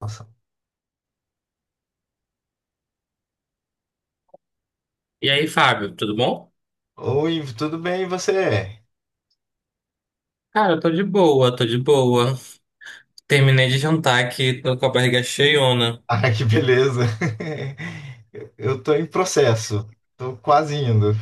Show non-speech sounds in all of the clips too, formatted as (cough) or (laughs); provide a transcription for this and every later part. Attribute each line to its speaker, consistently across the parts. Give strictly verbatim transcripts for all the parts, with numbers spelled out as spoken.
Speaker 1: Nossa.
Speaker 2: E aí, Fábio, tudo bom?
Speaker 1: Oi, tudo bem, e você?
Speaker 2: Cara, eu tô de boa, tô de boa. Terminei de jantar aqui, tô com a barriga cheiona.
Speaker 1: Ah, que beleza. (laughs) Eu tô em processo. Tô quase indo.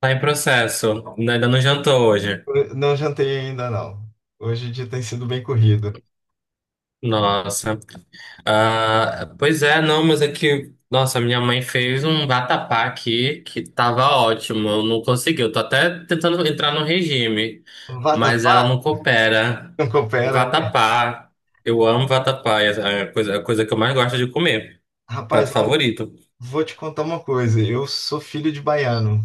Speaker 2: Tá em processo, né? Ainda não jantou hoje.
Speaker 1: Não jantei ainda, não. Hoje o dia tem sido bem corrido.
Speaker 2: Nossa. Ah, pois é, não, mas é que... Nossa, minha mãe fez um vatapá aqui que tava ótimo, eu não consegui. Eu tô até tentando entrar no regime, mas
Speaker 1: Vatapá?
Speaker 2: ela não coopera.
Speaker 1: Não coopera, né?
Speaker 2: Vatapá, eu amo vatapá, é a coisa, a coisa que eu mais gosto de comer.
Speaker 1: Rapaz,
Speaker 2: Prato
Speaker 1: olha,
Speaker 2: favorito.
Speaker 1: vou te contar uma coisa. Eu sou filho de baiano.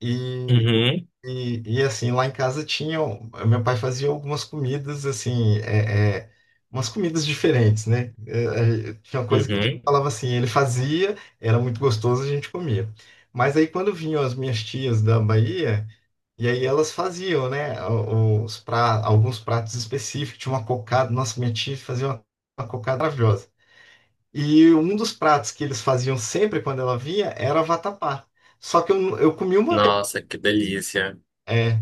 Speaker 1: E
Speaker 2: Uhum,
Speaker 1: E, e assim, lá em casa tinha tinham. Meu pai fazia algumas comidas, assim, é, é, umas comidas diferentes, né? É, é, tinha uma coisa que a gente
Speaker 2: uhum.
Speaker 1: falava assim, ele fazia, era muito gostoso, a gente comia. Mas aí quando vinham as minhas tias da Bahia, e aí elas faziam, né? o- Os pra, alguns pratos específicos, tinha uma cocada, nossa, minha tia fazia uma, uma cocada maravilhosa. E um dos pratos que eles faziam sempre quando ela vinha era vatapá. Só que eu, eu comi uma vez.
Speaker 2: Nossa, que delícia.
Speaker 1: é,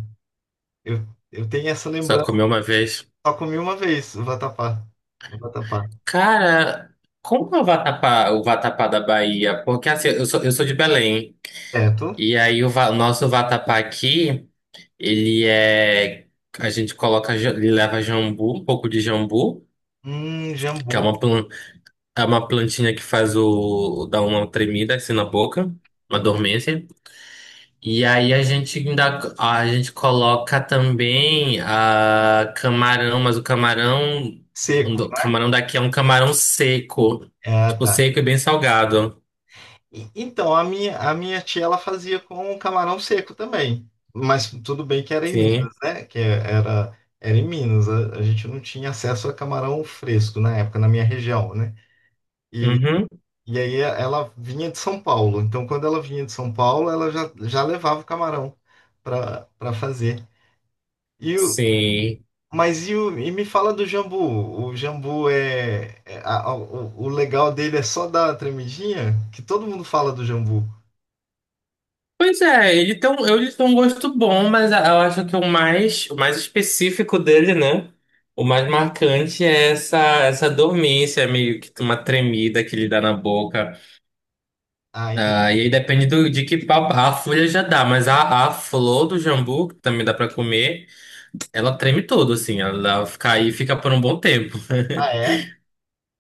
Speaker 1: Eu, eu tenho essa
Speaker 2: Só
Speaker 1: lembrança,
Speaker 2: comi uma vez.
Speaker 1: só comi uma vez o vatapá. O vatapá.
Speaker 2: Cara, como é o vatapá, o vatapá da Bahia? Porque assim, eu sou, eu sou de Belém.
Speaker 1: Certo?
Speaker 2: E aí o, va- o nosso vatapá aqui, ele é. A gente coloca, ja- ele leva jambu, um pouco de jambu,
Speaker 1: Hum,
Speaker 2: que é
Speaker 1: jambu
Speaker 2: uma, plan- é uma plantinha que faz o. dá uma tremida assim na boca, uma dormência. E aí a gente ainda a gente coloca também a camarão, mas o camarão,
Speaker 1: seco,
Speaker 2: o
Speaker 1: né?
Speaker 2: camarão daqui é um camarão seco,
Speaker 1: Ah,
Speaker 2: tipo
Speaker 1: tá.
Speaker 2: seco e bem salgado.
Speaker 1: E- Então, a minha, a minha tia, ela fazia com camarão seco também. Mas tudo bem que era em
Speaker 2: Sim.
Speaker 1: Minas, né? Que era, era em Minas. A, a gente não tinha acesso a camarão fresco na época, na minha região, né? E,
Speaker 2: Uhum.
Speaker 1: e aí ela vinha de São Paulo. Então, quando ela vinha de São Paulo, ela já, já levava o camarão para para fazer. E, o-
Speaker 2: Sim.
Speaker 1: Mas e, o- e me fala do jambu. O jambu é. é- a- a- o, o legal dele é só dar a tremidinha? Que todo mundo fala do jambu.
Speaker 2: Pois é, ele tem um, ele tem um gosto bom, mas eu acho que o mais, o mais específico dele, né? O mais marcante é essa, essa dormência, meio que uma tremida que ele dá na boca.
Speaker 1: Ah,
Speaker 2: Ah,
Speaker 1: entendi.
Speaker 2: e aí depende do, de que pau. A folha já dá, mas a, a flor do jambu, que também dá pra comer, ela treme todo, assim. Ela fica aí, fica por um bom tempo.
Speaker 1: Ah,
Speaker 2: (laughs)
Speaker 1: é?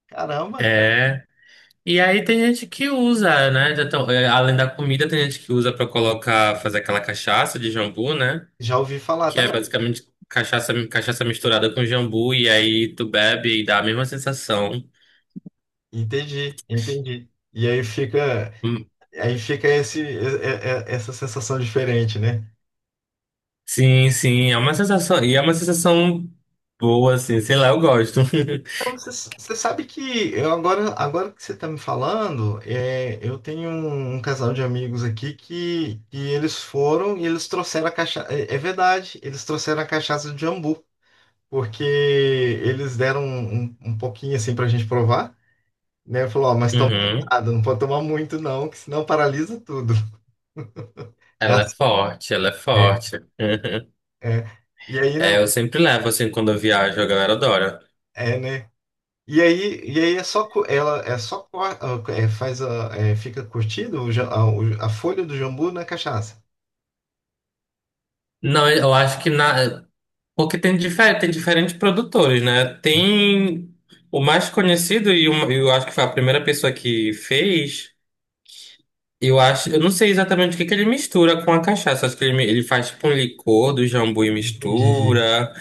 Speaker 1: Caramba!
Speaker 2: É. E aí tem gente que usa, né? já tão- é, além da comida, tem gente que usa pra colocar, fazer aquela cachaça de jambu, né?
Speaker 1: Já ouvi falar
Speaker 2: Que é
Speaker 1: também.
Speaker 2: basicamente cachaça, cachaça misturada com jambu, e aí tu bebe e dá a mesma sensação.
Speaker 1: Entendi, entendi. E aí fica,
Speaker 2: Hum,
Speaker 1: aí fica esse, é- é- essa sensação diferente, né?
Speaker 2: Sim, sim, é uma sensação. E é uma sensação boa, assim, sei lá, eu gosto.
Speaker 1: Você, você sabe que eu agora, agora que você está me falando, é, eu tenho um, um casal de amigos aqui que, que eles foram e eles trouxeram a cachaça. É, é verdade, eles trouxeram a cachaça de jambu. Porque eles deram um, um, um pouquinho assim pra gente provar, né? Falou, ó, mas
Speaker 2: (laughs)
Speaker 1: toma
Speaker 2: Uhum.
Speaker 1: cuidado, não pode tomar muito não, que senão paralisa tudo. É
Speaker 2: Ela é
Speaker 1: assim,
Speaker 2: forte, ela é forte. Uhum.
Speaker 1: é. E aí, né,
Speaker 2: É, eu sempre levo, assim, quando eu viajo, a galera adora.
Speaker 1: é, né? E aí, e aí é só cu- ela é só co- é, é, faz a, é, fica curtido o ja- a, o- a folha do jambu na cachaça.
Speaker 2: Não, eu acho que na... Porque tem, difer... tem diferentes produtores, né? Tem o mais conhecido e o- eu acho que foi a primeira pessoa que fez. Eu acho, eu não sei exatamente o que que ele mistura com a cachaça. Acho que ele, mi- ele faz tipo um licor do jambu e
Speaker 1: Entendi.
Speaker 2: mistura.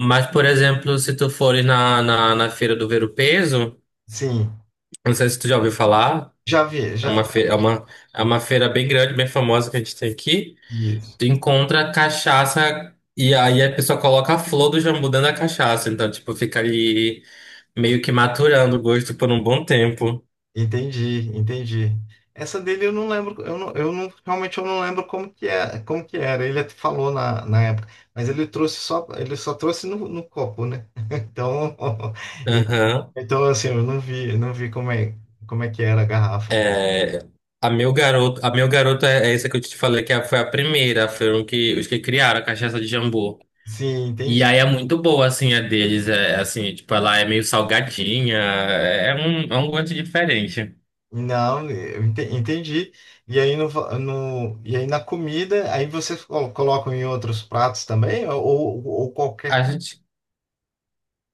Speaker 2: Mas, por exemplo, se tu fores na, na, na Feira do Ver-o-Peso,
Speaker 1: Sim,
Speaker 2: não sei se tu já ouviu falar.
Speaker 1: já vi,
Speaker 2: É
Speaker 1: já, já
Speaker 2: uma feira, é uma, é uma feira bem grande, bem famosa que a gente tem aqui.
Speaker 1: vi.
Speaker 2: Tu encontra cachaça e aí a pessoa coloca a flor do jambu dentro da cachaça. Então, tipo, fica ali meio que maturando o gosto por um bom tempo.
Speaker 1: Entendi, entendi. Essa dele eu não lembro, eu não, eu não, realmente eu não lembro como que é, como que era. Ele até falou na, na época, mas ele trouxe só, ele só trouxe no, no copo, né? (laughs) Então, (laughs)
Speaker 2: Aham.
Speaker 1: então assim, eu não vi, não vi como é, como é que era a garrafa.
Speaker 2: É, a meu garoto, a meu garoto é, é essa que eu te falei que é- foi a primeira, foram que, os que criaram a cachaça de jambu.
Speaker 1: Sim,
Speaker 2: E
Speaker 1: entendi.
Speaker 2: aí é muito boa, assim, a deles. É, assim, tipo, ela é meio salgadinha. É é um, é um gosto diferente.
Speaker 1: Não, eu ente- entendi. E aí no, va- no- e aí na comida, aí vocês col- colocam em outros pratos também, ou, ou ou qualquer.
Speaker 2: A gente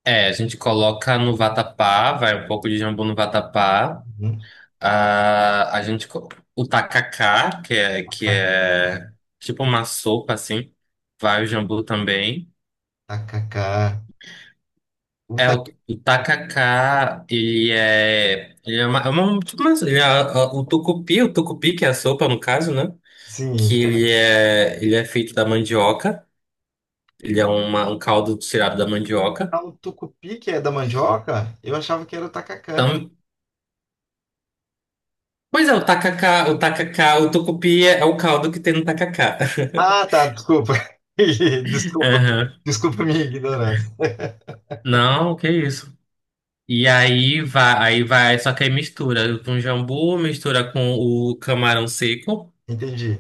Speaker 2: É, a gente coloca no vatapá, vai um pouco de jambu no vatapá.
Speaker 1: Hum,
Speaker 2: A, a gente co- o tacacá, que é que é tipo uma sopa assim, vai o jambu também.
Speaker 1: Tacacá. O
Speaker 2: É o,
Speaker 1: taco,
Speaker 2: o tacacá, ele é ele é uma, é uma- tipo uma- ele é- ah, o tucupi, o tucupi que é a sopa no caso, né?
Speaker 1: sim.
Speaker 2: Que ele é ele é feito da mandioca, ele é uma, um caldo tirado da mandioca.
Speaker 1: Ah, o tucupi que é da mandioca? Eu achava que era o tacacá.
Speaker 2: Pois é, o tacacá, o tacacá, o tucupi é o caldo que tem no tacacá.
Speaker 1: Ah, tá, desculpa. (laughs)
Speaker 2: (laughs)
Speaker 1: Desculpa.
Speaker 2: Aham.
Speaker 1: Desculpa a minha ignorância. (laughs)
Speaker 2: Não, que isso. E aí vai, aí vai, só que aí mistura com jambu, mistura com o camarão seco
Speaker 1: Entendi.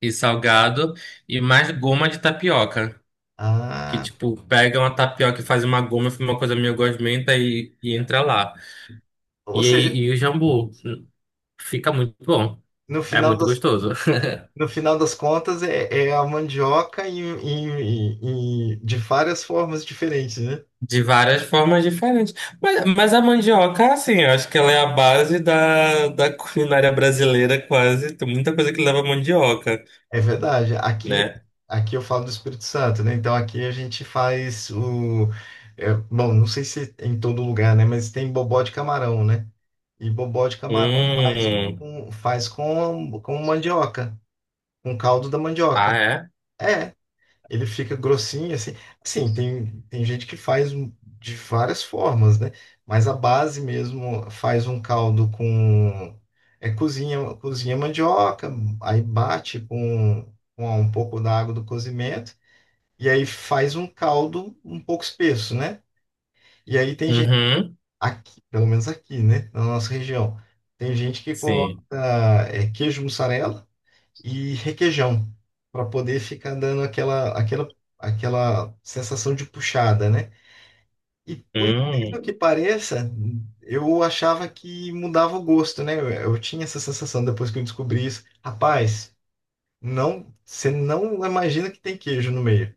Speaker 2: e salgado e mais goma de tapioca. Que
Speaker 1: Ah,
Speaker 2: tipo, pega uma tapioca e faz uma goma, fica uma coisa meio gosmenta e, e entra lá.
Speaker 1: ou
Speaker 2: E aí,
Speaker 1: seja,
Speaker 2: e o jambu. Fica muito bom.
Speaker 1: no
Speaker 2: É
Speaker 1: final
Speaker 2: muito
Speaker 1: das,
Speaker 2: gostoso.
Speaker 1: no, no final das contas é, é a mandioca em, em, em- em- de várias formas diferentes, né?
Speaker 2: De várias formas diferentes. Mas, mas a mandioca, assim, eu acho que ela é a base da, da culinária brasileira, quase. Tem muita coisa que leva mandioca,
Speaker 1: É verdade. Aqui,
Speaker 2: né?
Speaker 1: aqui eu falo do Espírito Santo, né? Então aqui a gente faz o. é, bom, não sei se em todo lugar, né? Mas tem bobó de camarão, né? E bobó de camarão faz
Speaker 2: Hum.
Speaker 1: com, faz com, com mandioca, com caldo da
Speaker 2: Ah,
Speaker 1: mandioca.
Speaker 2: é?
Speaker 1: É. Ele fica grossinho, assim. Assim, tem, tem gente que faz um, de várias formas, né? Mas a base mesmo faz um caldo com. É cozinha, cozinha mandioca, aí bate com, com um pouco da água do cozimento, e aí faz um caldo um pouco espesso, né? E aí tem gente,
Speaker 2: Uhum.
Speaker 1: aqui, pelo menos aqui, né? Na nossa região, tem gente que coloca
Speaker 2: Sim.
Speaker 1: é, queijo mussarela e requeijão, para poder ficar dando aquela, aquela, aquela sensação de puxada, né? E por incrível
Speaker 2: Hum.
Speaker 1: que pareça, eu achava que mudava o gosto, né? Eu, eu tinha essa sensação depois que eu descobri isso. Rapaz, não, você não imagina que tem queijo no meio.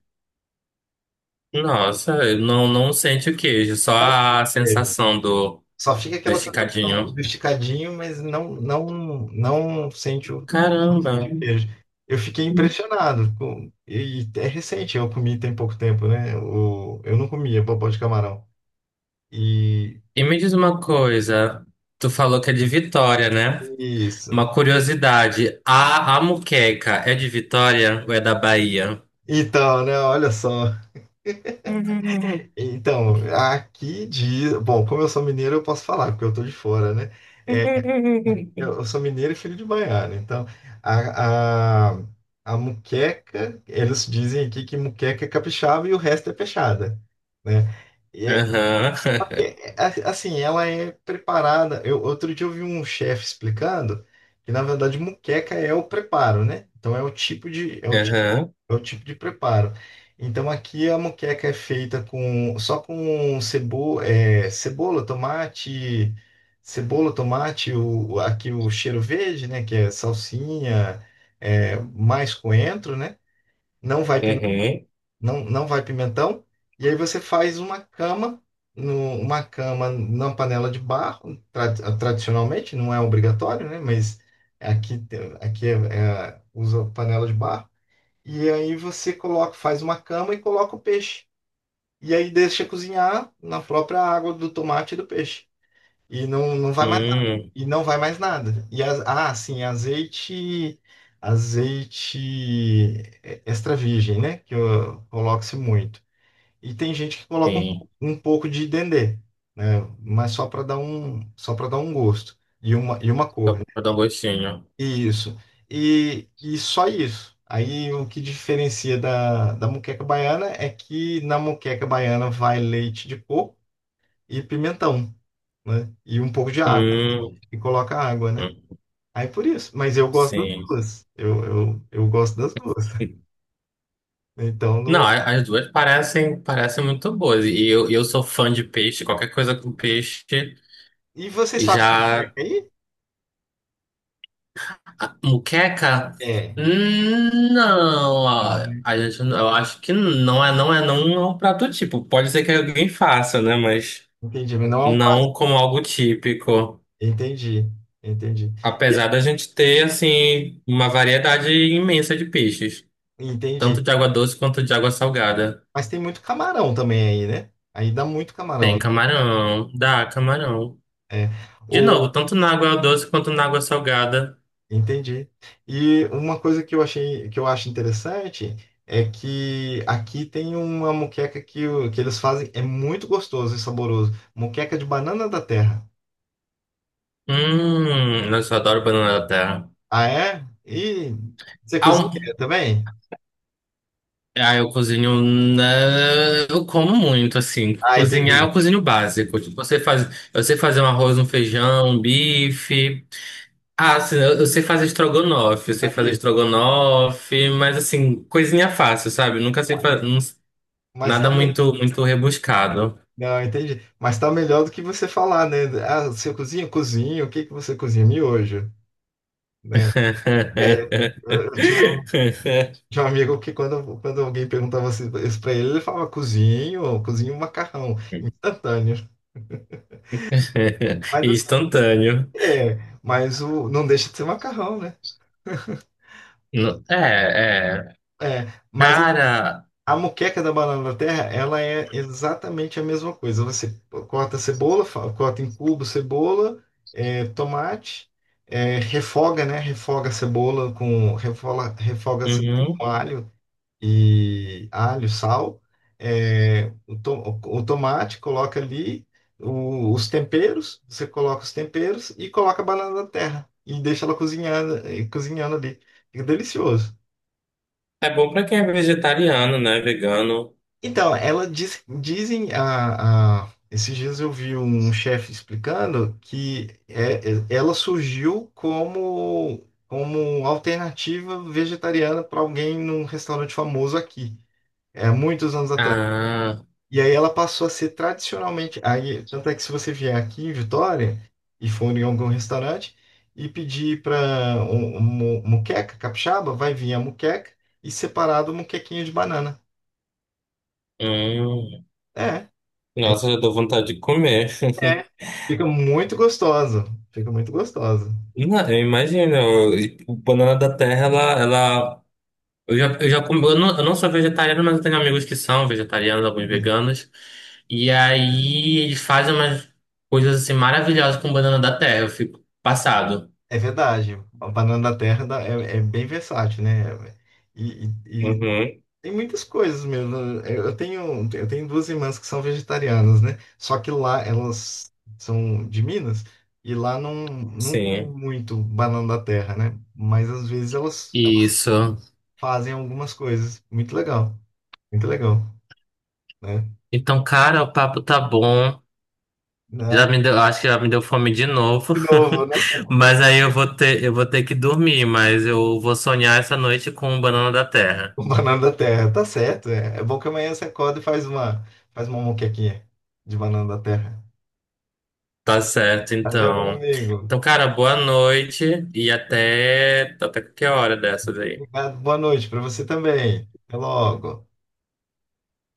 Speaker 2: Nossa, eu não, não sente o queijo, só a sensação do,
Speaker 1: Só fica
Speaker 2: do
Speaker 1: aquela sensação
Speaker 2: esticadinho.
Speaker 1: do esticadinho, mas não, não, não sente o, não
Speaker 2: Caramba.
Speaker 1: sente o queijo. Eu fiquei impressionado. com- e é recente, eu comi tem pouco tempo, né? O, eu não comia bobó de camarão. E
Speaker 2: E me diz uma coisa. Tu falou que é de Vitória, né?
Speaker 1: isso.
Speaker 2: Uma curiosidade. A, a moqueca é de Vitória ou é da Bahia?
Speaker 1: Então, né? Olha só. Então, aqui diz. Bom, como eu sou mineiro, eu posso falar, porque eu tô de fora, né? Eu, eu sou mineiro e filho de baiano. Então, a, a, a muqueca, eles dizem aqui que muqueca é capixaba e o resto é peixada, né? E é,
Speaker 2: Aham,
Speaker 1: é, a- assim, ela é preparada. Eu, outro dia eu vi um chefe explicando que, na verdade, muqueca é o preparo, né? Então, é o tipo de, é o
Speaker 2: (laughs) aham,
Speaker 1: é o tipo de preparo. Então aqui a moqueca é feita com só com cebo, é, cebola, tomate, cebola, tomate, o, aqui o cheiro verde, né? Que é salsinha, é, mais coentro, né? Não vai, pime-
Speaker 2: uhum,
Speaker 1: não, não vai pimentão. E aí você faz uma cama, no, uma cama na panela de barro, tra- tradicionalmente, não é obrigatório, né? Mas aqui, aqui é, é, usa panela de barro. E aí você coloca, faz uma cama e coloca o peixe. E aí deixa cozinhar na própria água do tomate e do peixe. E não, não vai mais nada.
Speaker 2: hum,
Speaker 1: E não vai mais nada. E as- ah, sim, azeite azeite extra virgem, né? Que eu- coloca-se muito. E tem gente que coloca um,
Speaker 2: sim,
Speaker 1: pou- um pouco de dendê, né? Mas só para dar um só para dar um gosto e uma e uma
Speaker 2: só
Speaker 1: cor. Né?
Speaker 2: pra dar um gostinho.
Speaker 1: Isso. E, e só isso. Aí o que diferencia da, da moqueca baiana é que na moqueca baiana vai leite de coco e pimentão, né? E um pouco de água.
Speaker 2: Hum,
Speaker 1: E coloca água, né?
Speaker 2: hum,
Speaker 1: Aí por isso. Mas eu gosto das
Speaker 2: sim.
Speaker 1: duas. Eu, eu, eu gosto das duas. Então
Speaker 2: Não,
Speaker 1: não.
Speaker 2: a- as duas parecem, parecem muito boas. E eu, eu sou fã de peixe, qualquer coisa com peixe.
Speaker 1: E vocês
Speaker 2: E
Speaker 1: fazem
Speaker 2: já.
Speaker 1: moqueca aí?
Speaker 2: A muqueca?
Speaker 1: É.
Speaker 2: Hum, Não, a
Speaker 1: Não,
Speaker 2: a gente, não- eu acho que não é, não é, não é um prato típico. Pode ser que alguém faça, né? Mas
Speaker 1: entendi. Mas não é um prato.
Speaker 2: não como algo típico.
Speaker 1: Entendi. Entendi. E-
Speaker 2: Apesar da gente ter, assim, uma variedade imensa de peixes,
Speaker 1: Entendi.
Speaker 2: tanto de água doce quanto de água salgada.
Speaker 1: Mas tem muito camarão também aí, né? Aí dá muito camarão,
Speaker 2: Tem
Speaker 1: né?
Speaker 2: camarão, dá camarão.
Speaker 1: É.
Speaker 2: De novo, tanto na água doce quanto na água salgada.
Speaker 1: Entendi. E uma coisa que eu achei, que eu acho interessante é que aqui tem uma moqueca que, o- que eles fazem, é muito gostoso e saboroso. Moqueca de banana da terra.
Speaker 2: Hum, nossa, eu adoro banana da terra.
Speaker 1: Ah, é? E você
Speaker 2: Ah,
Speaker 1: cozinha
Speaker 2: um-
Speaker 1: também?
Speaker 2: ah, eu cozinho. Né, eu como muito, assim.
Speaker 1: Ah,
Speaker 2: Cozinhar,
Speaker 1: entendi.
Speaker 2: eu cozinho básico. Tipo, você faz, eu sei fazer um arroz, um feijão, um bife. Ah, assim, eu, eu sei fazer estrogonofe, eu sei fazer
Speaker 1: Aqui.
Speaker 2: estrogonofe, mas assim, coisinha fácil, sabe? Nunca sei fazer
Speaker 1: Mas tá,
Speaker 2: nada
Speaker 1: me-
Speaker 2: muito, muito rebuscado.
Speaker 1: não, entendi. Mas tá melhor do que você falar, né? Ah, você cozinha? Cozinho. O que que você cozinha? Miojo. É,
Speaker 2: (laughs)
Speaker 1: eu tinha Tinha um amigo que quando, quando alguém perguntava assim isso pra ele, ele falava cozinho, cozinho um macarrão, instantâneo. Mas assim,
Speaker 2: Instantâneo.
Speaker 1: é, mas o, não deixa de ser macarrão, né?
Speaker 2: Não- É, é.
Speaker 1: É, mas
Speaker 2: Cara,
Speaker 1: a moqueca da banana da terra, ela é exatamente a mesma coisa. Você corta a cebola, fa- corta em cubo cebola, é, tomate, é, refoga, né? Refoga a cebola com, refoga, refoga a cebola
Speaker 2: uhum.
Speaker 1: com alho, e alho, sal, é, o, to- o tomate, coloca ali o- os temperos, você coloca os temperos e coloca a banana da terra e deixa ela cozinhando, eh, cozinhando ali. Fica delicioso.
Speaker 2: É bom pra quem é vegetariano, né? Vegano.
Speaker 1: Então, ela diz, dizem a, a- esses dias eu vi um chefe explicando que é- é- ela surgiu como como alternativa vegetariana para alguém num restaurante famoso aqui. É, muitos anos atrás.
Speaker 2: Ah,
Speaker 1: E aí ela passou a ser tradicionalmente. Aí, tanto é que se você vier aqui em Vitória e for em algum restaurante e pedir para muqueca capixaba, vai vir a muqueca e separado o muquequinho de banana.
Speaker 2: hum.
Speaker 1: É,
Speaker 2: Nossa, já dou vontade de comer.
Speaker 1: é.
Speaker 2: (laughs)
Speaker 1: Fica muito gostosa. Fica muito gostosa.
Speaker 2: Não, eu imagino. E o banana da terra, ela, ela eu já, eu já comi, eu não, eu não sou vegetariano, mas eu tenho amigos que são vegetarianos, alguns
Speaker 1: E
Speaker 2: veganos. E aí eles fazem umas coisas assim maravilhosas com banana da terra. Eu fico passado.
Speaker 1: É verdade. A banana da terra dá- é, é bem versátil, né? E, e-
Speaker 2: Uhum,
Speaker 1: Tem muitas coisas mesmo. Eu eu tenho, eu tenho duas irmãs que são vegetarianas, né? Só que lá elas são de Minas e lá não, não tem
Speaker 2: sim.
Speaker 1: muito banana da terra, né? Mas às vezes elas, elas
Speaker 2: Isso.
Speaker 1: fazem algumas coisas. Muito legal, muito legal, né?
Speaker 2: Então, cara, o papo tá bom.
Speaker 1: Né?
Speaker 2: Já me deu, acho que já me deu fome de novo.
Speaker 1: De novo, né?
Speaker 2: (laughs)
Speaker 1: (laughs)
Speaker 2: Mas aí eu vou ter, eu vou ter que dormir, mas eu vou sonhar essa noite com banana da terra.
Speaker 1: O banana da terra. Tá certo. É, é bom que amanhã você acorda e faz uma, faz uma moquequinha de banana da terra.
Speaker 2: Tá certo,
Speaker 1: Tá, joia, meu
Speaker 2: então.
Speaker 1: amigo?
Speaker 2: Então, cara, boa noite e até até qualquer hora dessas aí.
Speaker 1: Obrigado, boa noite para você também. Até logo.